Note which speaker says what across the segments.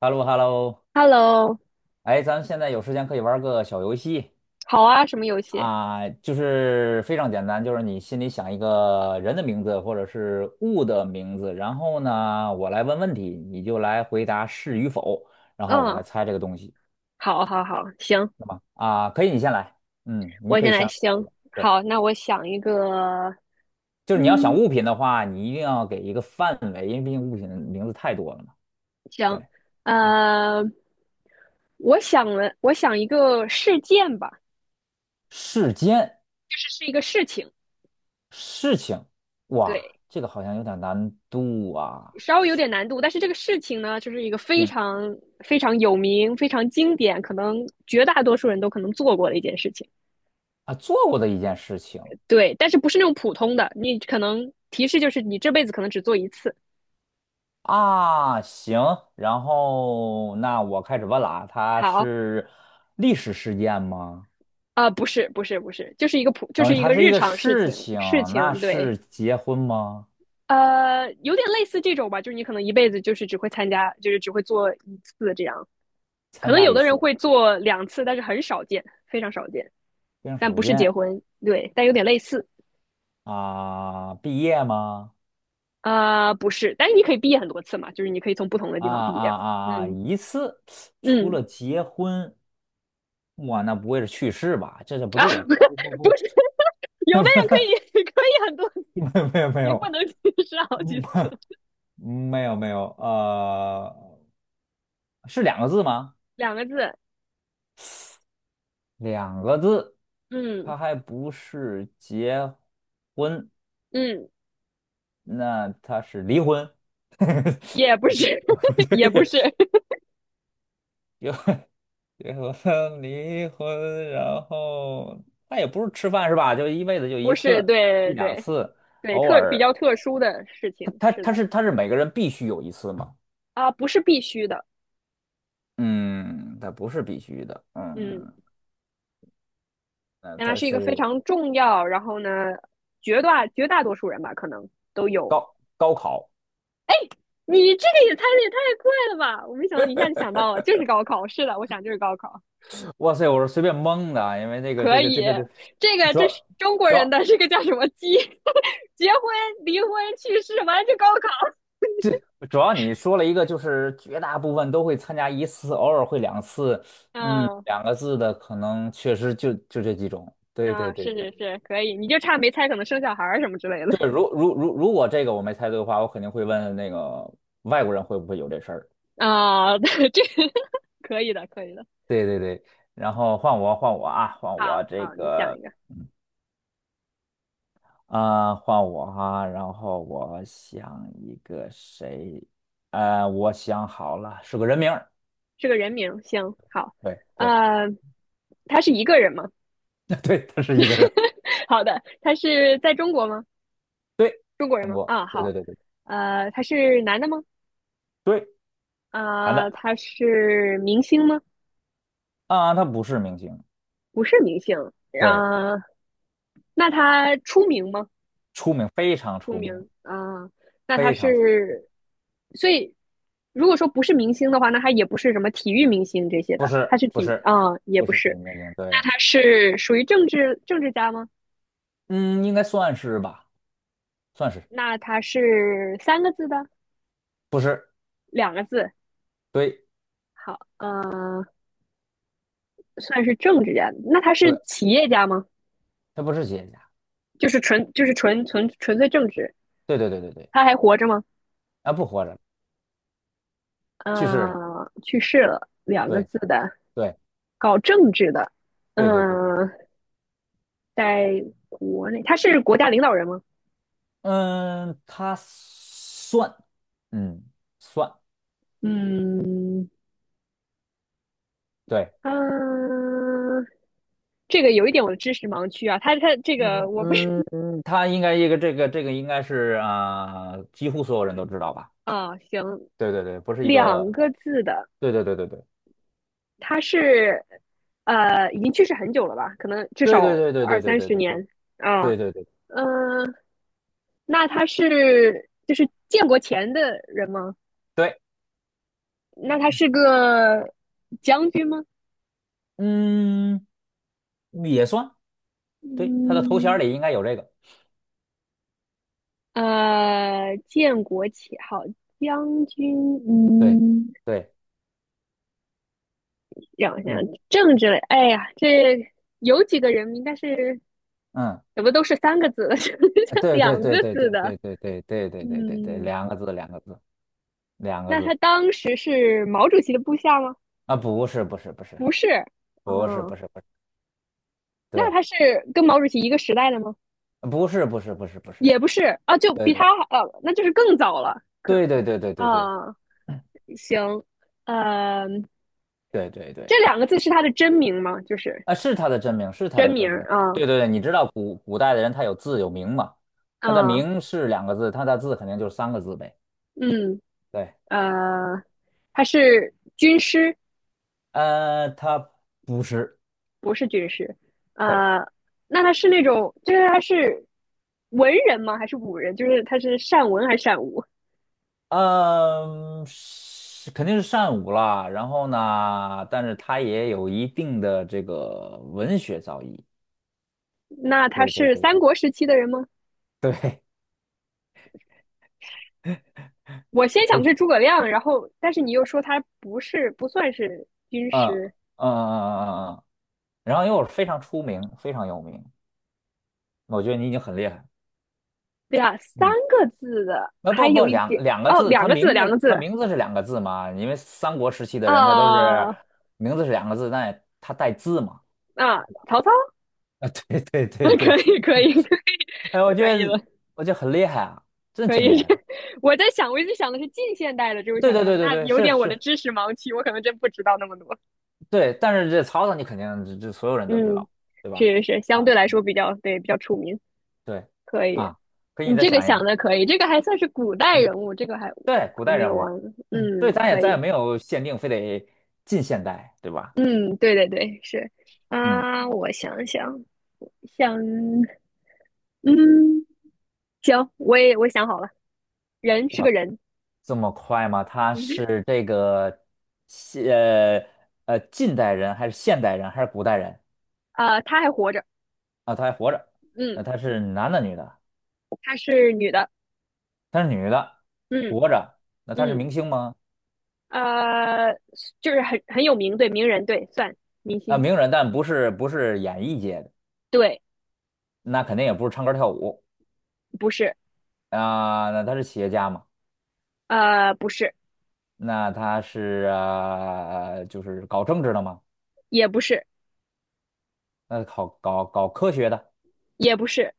Speaker 1: h e l l o h e l l o
Speaker 2: Hello，
Speaker 1: 哎，咱们现在有时间可以玩个小游戏
Speaker 2: 好啊，什么游戏？
Speaker 1: 啊，就是非常简单，就是你心里想一个人的名字或者是物的名字，然后呢，我来问问题，你就来回答是与否，然后我
Speaker 2: 嗯，
Speaker 1: 来猜这个东西
Speaker 2: 好，好，好，行，
Speaker 1: 啊，可以，你先来，嗯，你
Speaker 2: 我
Speaker 1: 可
Speaker 2: 先
Speaker 1: 以先
Speaker 2: 来，
Speaker 1: 想一
Speaker 2: 行，
Speaker 1: 个，对，
Speaker 2: 好，那我想一个，
Speaker 1: 就是你要想
Speaker 2: 嗯，
Speaker 1: 物品的话，你一定要给一个范围，因为毕竟物品的名字太多了嘛，对。
Speaker 2: 行，
Speaker 1: 嗯
Speaker 2: 呃，我想一个事件吧。
Speaker 1: 世间
Speaker 2: 这是一个事情。
Speaker 1: 事情，哇，
Speaker 2: 对，
Speaker 1: 这个好像有点难度啊。
Speaker 2: 稍微有点难度，但是这个事情呢，就是一个非
Speaker 1: 行
Speaker 2: 常非常有名、非常经典，可能绝大多数人都可能做过的一件事情。
Speaker 1: 啊，做过的一件事情
Speaker 2: 对，但是不是那种普通的，你可能提示就是你这辈子可能只做一次。
Speaker 1: 啊，行，然后那我开始问了啊，它
Speaker 2: 好。
Speaker 1: 是历史事件吗？
Speaker 2: 啊，不是不是不是，就是一个普，就
Speaker 1: 等于
Speaker 2: 是一
Speaker 1: 它
Speaker 2: 个
Speaker 1: 是一
Speaker 2: 日
Speaker 1: 个
Speaker 2: 常事
Speaker 1: 事
Speaker 2: 情
Speaker 1: 情，
Speaker 2: 事
Speaker 1: 那
Speaker 2: 情，对。
Speaker 1: 是结婚吗？
Speaker 2: 有点类似这种吧，就是你可能一辈子就是只会参加，就是只会做一次这样，可
Speaker 1: 参
Speaker 2: 能
Speaker 1: 加
Speaker 2: 有
Speaker 1: 一
Speaker 2: 的人
Speaker 1: 次，
Speaker 2: 会做两次，但是很少见，非常少见。
Speaker 1: 非常
Speaker 2: 但
Speaker 1: 少
Speaker 2: 不是结
Speaker 1: 见
Speaker 2: 婚，对，但有点类似。
Speaker 1: 啊，毕业吗？
Speaker 2: 不是，但是你可以毕业很多次嘛，就是你可以从不同的地
Speaker 1: 啊
Speaker 2: 方毕业
Speaker 1: 啊
Speaker 2: 嘛。
Speaker 1: 啊啊，
Speaker 2: 嗯
Speaker 1: 一次，除
Speaker 2: 嗯，
Speaker 1: 了结婚，哇，那不会是去世吧？这不
Speaker 2: 啊，
Speaker 1: 对呀，这不不 不，
Speaker 2: 不是，有的人可以 可以很多，
Speaker 1: 没有没有没
Speaker 2: 也不能
Speaker 1: 有
Speaker 2: 是好几次。
Speaker 1: 没有没有，是两个字吗？
Speaker 2: 两个字，
Speaker 1: 两个字，
Speaker 2: 嗯
Speaker 1: 他还不是结婚，
Speaker 2: 嗯。
Speaker 1: 那他是离婚。
Speaker 2: 也 不
Speaker 1: 不对，
Speaker 2: 是，
Speaker 1: 不
Speaker 2: 也不
Speaker 1: 对，
Speaker 2: 是。
Speaker 1: 有结婚离婚，然后它也不是吃饭是吧？就一辈子就
Speaker 2: 不
Speaker 1: 一
Speaker 2: 是，
Speaker 1: 次，
Speaker 2: 对
Speaker 1: 一两
Speaker 2: 对
Speaker 1: 次，
Speaker 2: 对，
Speaker 1: 偶
Speaker 2: 特比
Speaker 1: 尔。
Speaker 2: 较特殊的事
Speaker 1: 他
Speaker 2: 情，
Speaker 1: 他
Speaker 2: 是
Speaker 1: 它
Speaker 2: 的。
Speaker 1: 是他是每个人必须有一次吗？
Speaker 2: 啊，不是必须的。
Speaker 1: 嗯，他不是必须的。
Speaker 2: 嗯，
Speaker 1: 嗯，那
Speaker 2: 但它
Speaker 1: 它
Speaker 2: 是一个非
Speaker 1: 是
Speaker 2: 常重要，然后呢，绝大多数人吧，可能都有。
Speaker 1: 高考。
Speaker 2: 你这个也猜的也太快了吧！我没想到你一下就想到了，就是高考，是的，我想就是高考。
Speaker 1: 哇塞，我是随便蒙的啊，因为那个
Speaker 2: 可
Speaker 1: 这个
Speaker 2: 以，
Speaker 1: 这个的，
Speaker 2: 这个
Speaker 1: 主
Speaker 2: 这是
Speaker 1: 要。
Speaker 2: 中国
Speaker 1: 主
Speaker 2: 人
Speaker 1: 要
Speaker 2: 的这个叫什么结 结婚、离婚、去世，完了就高考。
Speaker 1: 主要你说了一个，就是绝大部分都会参加一次，偶尔会两次，嗯，
Speaker 2: 嗯
Speaker 1: 两个字的可能确实就这几种。对对
Speaker 2: 嗯，
Speaker 1: 对
Speaker 2: 是
Speaker 1: 对
Speaker 2: 是是，可以，你就差没猜可能生小孩儿什么之类的。
Speaker 1: 对，如果这个我没猜对的话，我肯定会问那个外国人会不会有这事儿。
Speaker 2: 啊，这可以的，可以的。
Speaker 1: 对对对，然后换我啊，换我
Speaker 2: 好，
Speaker 1: 这
Speaker 2: 好，你想
Speaker 1: 个
Speaker 2: 一个。
Speaker 1: 啊、呃换我哈、然后我想一个谁，我想好了，是个人名儿。
Speaker 2: 是个人名，行，好，
Speaker 1: 对对
Speaker 2: 呃，他是一个人吗？
Speaker 1: 对，他是一个人，
Speaker 2: 好的，他是在中国吗？
Speaker 1: 对，
Speaker 2: 中国人
Speaker 1: 中
Speaker 2: 吗？
Speaker 1: 国，
Speaker 2: 啊，
Speaker 1: 对对
Speaker 2: 好。
Speaker 1: 对对。
Speaker 2: 他是男的吗？
Speaker 1: 对。男
Speaker 2: 啊，
Speaker 1: 的
Speaker 2: 他是明星吗？
Speaker 1: 啊，他不是明星，
Speaker 2: 不是明星。
Speaker 1: 对，
Speaker 2: 啊，那他出名吗？
Speaker 1: 出名非常
Speaker 2: 出
Speaker 1: 出
Speaker 2: 名
Speaker 1: 名，
Speaker 2: 啊，那他
Speaker 1: 非常
Speaker 2: 是，所以如果说不是明星的话，那他也不是什么体育明星这些
Speaker 1: 不
Speaker 2: 的，他
Speaker 1: 是
Speaker 2: 是
Speaker 1: 不
Speaker 2: 体
Speaker 1: 是
Speaker 2: 啊、也
Speaker 1: 不
Speaker 2: 不
Speaker 1: 是电
Speaker 2: 是。
Speaker 1: 影明星，对，
Speaker 2: 那他是属于政治政治家吗？
Speaker 1: 嗯，应该算是吧，算是
Speaker 2: 那他是三个字的，
Speaker 1: 不是？
Speaker 2: 两个字，
Speaker 1: 对
Speaker 2: 好。算是政治家。那他是
Speaker 1: 对，
Speaker 2: 企业家吗？
Speaker 1: 他不是企业家，
Speaker 2: 就是纯粹政治。
Speaker 1: 对对对对对，
Speaker 2: 他还活着吗？
Speaker 1: 啊，不活着，了，去世了，
Speaker 2: 去世了，两个
Speaker 1: 对
Speaker 2: 字的，
Speaker 1: 对
Speaker 2: 搞政治的。
Speaker 1: 对对对对对，
Speaker 2: 嗯、在国内，他是国家领导人吗？
Speaker 1: 嗯，他算，嗯，算，
Speaker 2: 嗯，
Speaker 1: 对，
Speaker 2: 嗯，这个有一点我的知识盲区啊，他这个
Speaker 1: 嗯
Speaker 2: 我不是
Speaker 1: 嗯嗯，他应该一个这个应该是啊、几乎所有人都知道吧？
Speaker 2: 啊，哦行，
Speaker 1: 对对对，不是一
Speaker 2: 两
Speaker 1: 个，
Speaker 2: 个字的，
Speaker 1: 对对对对对。
Speaker 2: 他是已经去世很久了吧？可能至
Speaker 1: 对对
Speaker 2: 少
Speaker 1: 对对
Speaker 2: 二
Speaker 1: 对对
Speaker 2: 三
Speaker 1: 对对
Speaker 2: 十
Speaker 1: 对
Speaker 2: 年啊。
Speaker 1: 对对对
Speaker 2: 嗯，那他是就是建国前的人吗？
Speaker 1: 对，
Speaker 2: 那他是个将军吗？
Speaker 1: 嗯，也算，对，他的头衔儿
Speaker 2: 嗯，
Speaker 1: 里应该有这个，
Speaker 2: 建国旗号，将军。
Speaker 1: 对
Speaker 2: 嗯，
Speaker 1: 对，
Speaker 2: 让我想想。
Speaker 1: 嗯
Speaker 2: 政治类，哎呀，这有几个人名，但是
Speaker 1: 嗯，
Speaker 2: 怎么都是三个字的，就
Speaker 1: 对对
Speaker 2: 两
Speaker 1: 对
Speaker 2: 个
Speaker 1: 对
Speaker 2: 字
Speaker 1: 对
Speaker 2: 的。
Speaker 1: 对对对对对对对对，
Speaker 2: 嗯，
Speaker 1: 两个字两个字两个
Speaker 2: 那他
Speaker 1: 字
Speaker 2: 当时是毛主席的部下吗？
Speaker 1: 啊，不是不是不是
Speaker 2: 不是。
Speaker 1: 不是
Speaker 2: 嗯，
Speaker 1: 不是不是，
Speaker 2: 那
Speaker 1: 对，
Speaker 2: 他是跟毛主席一个时代的吗？
Speaker 1: 啊不是不是不是不是，
Speaker 2: 也不是。啊，就比
Speaker 1: 对
Speaker 2: 他好，那就是更早了，可能。
Speaker 1: 对对对对对对
Speaker 2: 啊，行。呃，
Speaker 1: 对对对，
Speaker 2: 这两个字是他的真名吗？就是
Speaker 1: 啊，是他的真名，是他
Speaker 2: 真
Speaker 1: 的
Speaker 2: 名
Speaker 1: 真名，
Speaker 2: 啊。
Speaker 1: 对对对，你知道古代的人他有字有名嘛，他的
Speaker 2: 嗯
Speaker 1: 名是两个字，他的字肯定就是三个字呗，
Speaker 2: 嗯，
Speaker 1: 对。
Speaker 2: 呃，他是军师，
Speaker 1: 他不是，
Speaker 2: 不是军师。
Speaker 1: 对，
Speaker 2: 呃，那他是那种，就是他是文人吗？还是武人？就是他是善文还是善武？
Speaker 1: 嗯，肯定是善舞啦。然后呢，但是他也有一定的这个文学造诣。
Speaker 2: 那他
Speaker 1: 对对
Speaker 2: 是
Speaker 1: 对
Speaker 2: 三
Speaker 1: 对，
Speaker 2: 国时期的人吗？
Speaker 1: 对
Speaker 2: 我 先
Speaker 1: 我
Speaker 2: 想的是诸葛亮，然后但是你又说他不是不算是军
Speaker 1: 嗯嗯
Speaker 2: 师。
Speaker 1: 嗯嗯嗯嗯，然后又是非常出名，非常有名。我觉得你已经很厉害。
Speaker 2: 对啊，三
Speaker 1: 嗯，
Speaker 2: 个字的，还
Speaker 1: 不不，
Speaker 2: 有一
Speaker 1: 两
Speaker 2: 点
Speaker 1: 两个
Speaker 2: 哦，
Speaker 1: 字，
Speaker 2: 两
Speaker 1: 他
Speaker 2: 个字，
Speaker 1: 名
Speaker 2: 两
Speaker 1: 字
Speaker 2: 个字。
Speaker 1: 他名字是两个字嘛？因为三国时期的人他都是
Speaker 2: 啊、
Speaker 1: 名字是两个字，但他带字嘛。
Speaker 2: 啊，曹操，
Speaker 1: 啊，对对
Speaker 2: 可
Speaker 1: 对对，
Speaker 2: 以可以可以
Speaker 1: 哎，我觉
Speaker 2: 可以
Speaker 1: 得
Speaker 2: 了。
Speaker 1: 我觉得很厉害啊，真的
Speaker 2: 可
Speaker 1: 挺厉
Speaker 2: 以，
Speaker 1: 害的。
Speaker 2: 我在想，我一直想的是近现代的这种
Speaker 1: 对
Speaker 2: 小
Speaker 1: 对
Speaker 2: 说，
Speaker 1: 对对
Speaker 2: 那
Speaker 1: 对，
Speaker 2: 有
Speaker 1: 是
Speaker 2: 点我的
Speaker 1: 是，
Speaker 2: 知识盲区，我可能真不知道那么多。
Speaker 1: 对。但是这曹操你肯定这所有人都知
Speaker 2: 嗯，
Speaker 1: 道，对吧？
Speaker 2: 是是是，相
Speaker 1: 啊，
Speaker 2: 对来说比较，对，比较出名，
Speaker 1: 对
Speaker 2: 可以。
Speaker 1: 啊，可以你
Speaker 2: 你
Speaker 1: 再
Speaker 2: 这个
Speaker 1: 想一个，
Speaker 2: 想的可以，这个还算是古代人物，这个还
Speaker 1: 对，古
Speaker 2: 还
Speaker 1: 代
Speaker 2: 没
Speaker 1: 人
Speaker 2: 有
Speaker 1: 物，
Speaker 2: 完。
Speaker 1: 对，
Speaker 2: 嗯，
Speaker 1: 咱也
Speaker 2: 可
Speaker 1: 咱也
Speaker 2: 以。
Speaker 1: 没有限定，非得近现代，对吧？
Speaker 2: 嗯，对对对，是。
Speaker 1: 嗯，
Speaker 2: 啊，我想想，想。嗯，行，我想好了，人是个
Speaker 1: 哇，
Speaker 2: 人。
Speaker 1: 这么快 吗？他
Speaker 2: 嗯，
Speaker 1: 是这个现呃近代人还是现代人还是古代人
Speaker 2: 啊，他还活着。
Speaker 1: 啊？他还活着，
Speaker 2: 嗯，
Speaker 1: 那他是男的女的？
Speaker 2: 她是女的。
Speaker 1: 他是女的，
Speaker 2: 嗯
Speaker 1: 活着，那他是
Speaker 2: 嗯。
Speaker 1: 明星吗？
Speaker 2: 呃，就是很有名，对，名人，对，算明
Speaker 1: 啊，
Speaker 2: 星，
Speaker 1: 名人，但不是演艺界的，
Speaker 2: 对。
Speaker 1: 那肯定也不是唱歌跳舞
Speaker 2: 不是。
Speaker 1: 啊、那他是企业家嘛？
Speaker 2: 不是。
Speaker 1: 那他是就是搞政治的嘛？
Speaker 2: 也不是。
Speaker 1: 那搞科学的，
Speaker 2: 也不是。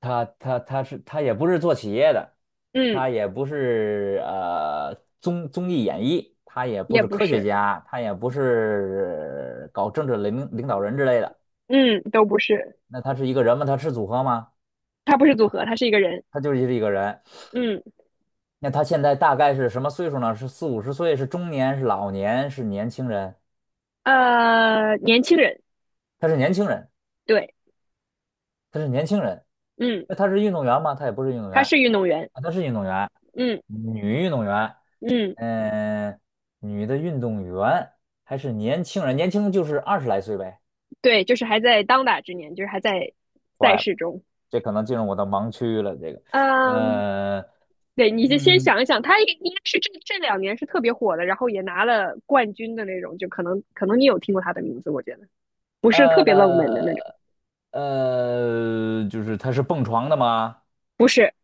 Speaker 1: 他也不是做企业的，
Speaker 2: 嗯，
Speaker 1: 他也不是综艺演艺，他也不
Speaker 2: 也
Speaker 1: 是
Speaker 2: 不
Speaker 1: 科学
Speaker 2: 是。
Speaker 1: 家，他也不是搞政治领导人之类的。
Speaker 2: 嗯，都不是。
Speaker 1: 那他是一个人吗？他是组合吗？
Speaker 2: 他不是组合，他是一个人。
Speaker 1: 他就是一个人。
Speaker 2: 嗯。
Speaker 1: 那他现在大概是什么岁数呢？是四五十岁，是中年，是老年，是年轻人？
Speaker 2: 年轻人，
Speaker 1: 他是年轻人，
Speaker 2: 对。
Speaker 1: 他是年轻人。
Speaker 2: 嗯，
Speaker 1: 那他是运动员吗？他也不是运动员
Speaker 2: 他是运动员。
Speaker 1: 啊，他是运动员，
Speaker 2: 嗯
Speaker 1: 女运动员，
Speaker 2: 嗯。
Speaker 1: 嗯、女的运动员还是年轻人，年轻就是20来岁呗。
Speaker 2: 对，就是还在当打之年，就是还在赛事中。
Speaker 1: 这可能进入我的盲区了，这个，
Speaker 2: 嗯，
Speaker 1: 呃，
Speaker 2: 对，你就先
Speaker 1: 嗯，
Speaker 2: 想一想，他应该是这两年是特别火的，然后也拿了冠军的那种，就可能你有听过他的名字，我觉得不是特别冷门的那
Speaker 1: 呃，
Speaker 2: 种。
Speaker 1: 就是他是蹦床的吗？
Speaker 2: 不是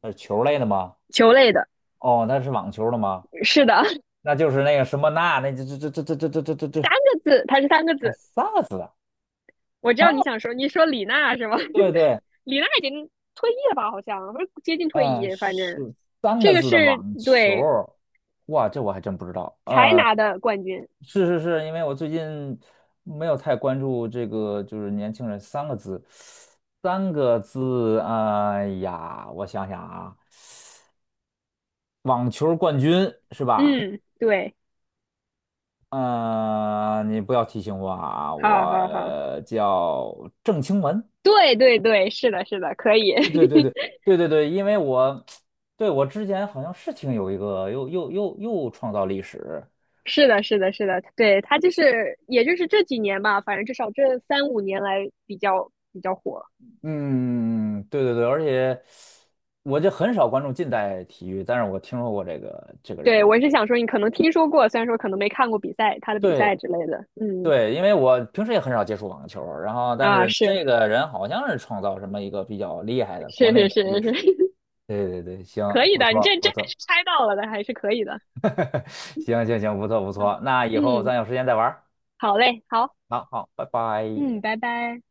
Speaker 1: 他是球类的吗？
Speaker 2: 球类的，
Speaker 1: 哦，他是网球的吗？
Speaker 2: 是的。
Speaker 1: 那就是那个什么那那这这这这这这这这
Speaker 2: 三
Speaker 1: 这
Speaker 2: 个字，他是三个
Speaker 1: 哦，
Speaker 2: 字。
Speaker 1: 三个字的，
Speaker 2: 我知
Speaker 1: 三
Speaker 2: 道你
Speaker 1: 个
Speaker 2: 想说，你说李娜是吗？
Speaker 1: 对 对，
Speaker 2: 李娜已经退役了吧？好像不是接近退
Speaker 1: 嗯，
Speaker 2: 役，反正
Speaker 1: 是三
Speaker 2: 这
Speaker 1: 个
Speaker 2: 个
Speaker 1: 字的
Speaker 2: 是
Speaker 1: 网球
Speaker 2: 对
Speaker 1: 儿。哇，这我还真不知道。
Speaker 2: 才拿的冠军。
Speaker 1: 是是是，因为我最近没有太关注这个，就是年轻人三个字，三个字，哎呀，我想想啊，网球儿冠军是吧？
Speaker 2: 嗯，对，
Speaker 1: 嗯、你不要提醒我啊，
Speaker 2: 好好好，
Speaker 1: 我叫郑清文。
Speaker 2: 对对对，是的，是的，可以。
Speaker 1: 对对对对 对对对，因为我 对，我之前好像是听有一个又创造历史，
Speaker 2: 是的，是的，是的，对，他就是，也就是这几年吧，反正至少这三五年来比较火。
Speaker 1: 嗯，对对对，而且我就很少关注近代体育，但是我听说过这个
Speaker 2: 对，
Speaker 1: 人，
Speaker 2: 我是想说，你可能听说过，虽然说可能没看过比赛，他的比
Speaker 1: 对
Speaker 2: 赛之类的。嗯，
Speaker 1: 对，因为我平时也很少接触网球，然后但
Speaker 2: 啊，
Speaker 1: 是
Speaker 2: 是
Speaker 1: 这个人好像是创造什么一个比较厉害的国
Speaker 2: 是
Speaker 1: 内
Speaker 2: 是
Speaker 1: 的
Speaker 2: 是
Speaker 1: 历史，
Speaker 2: 是。
Speaker 1: 对对对，行，
Speaker 2: 可以
Speaker 1: 不
Speaker 2: 的，你
Speaker 1: 错
Speaker 2: 这这
Speaker 1: 不
Speaker 2: 还是
Speaker 1: 错，
Speaker 2: 猜到了的，还是可以的。
Speaker 1: 行行行，不错不
Speaker 2: 嗯
Speaker 1: 错，那以后
Speaker 2: 嗯，
Speaker 1: 咱有时间再玩儿，
Speaker 2: 好嘞，好，
Speaker 1: 好好，拜拜。
Speaker 2: 嗯，拜拜。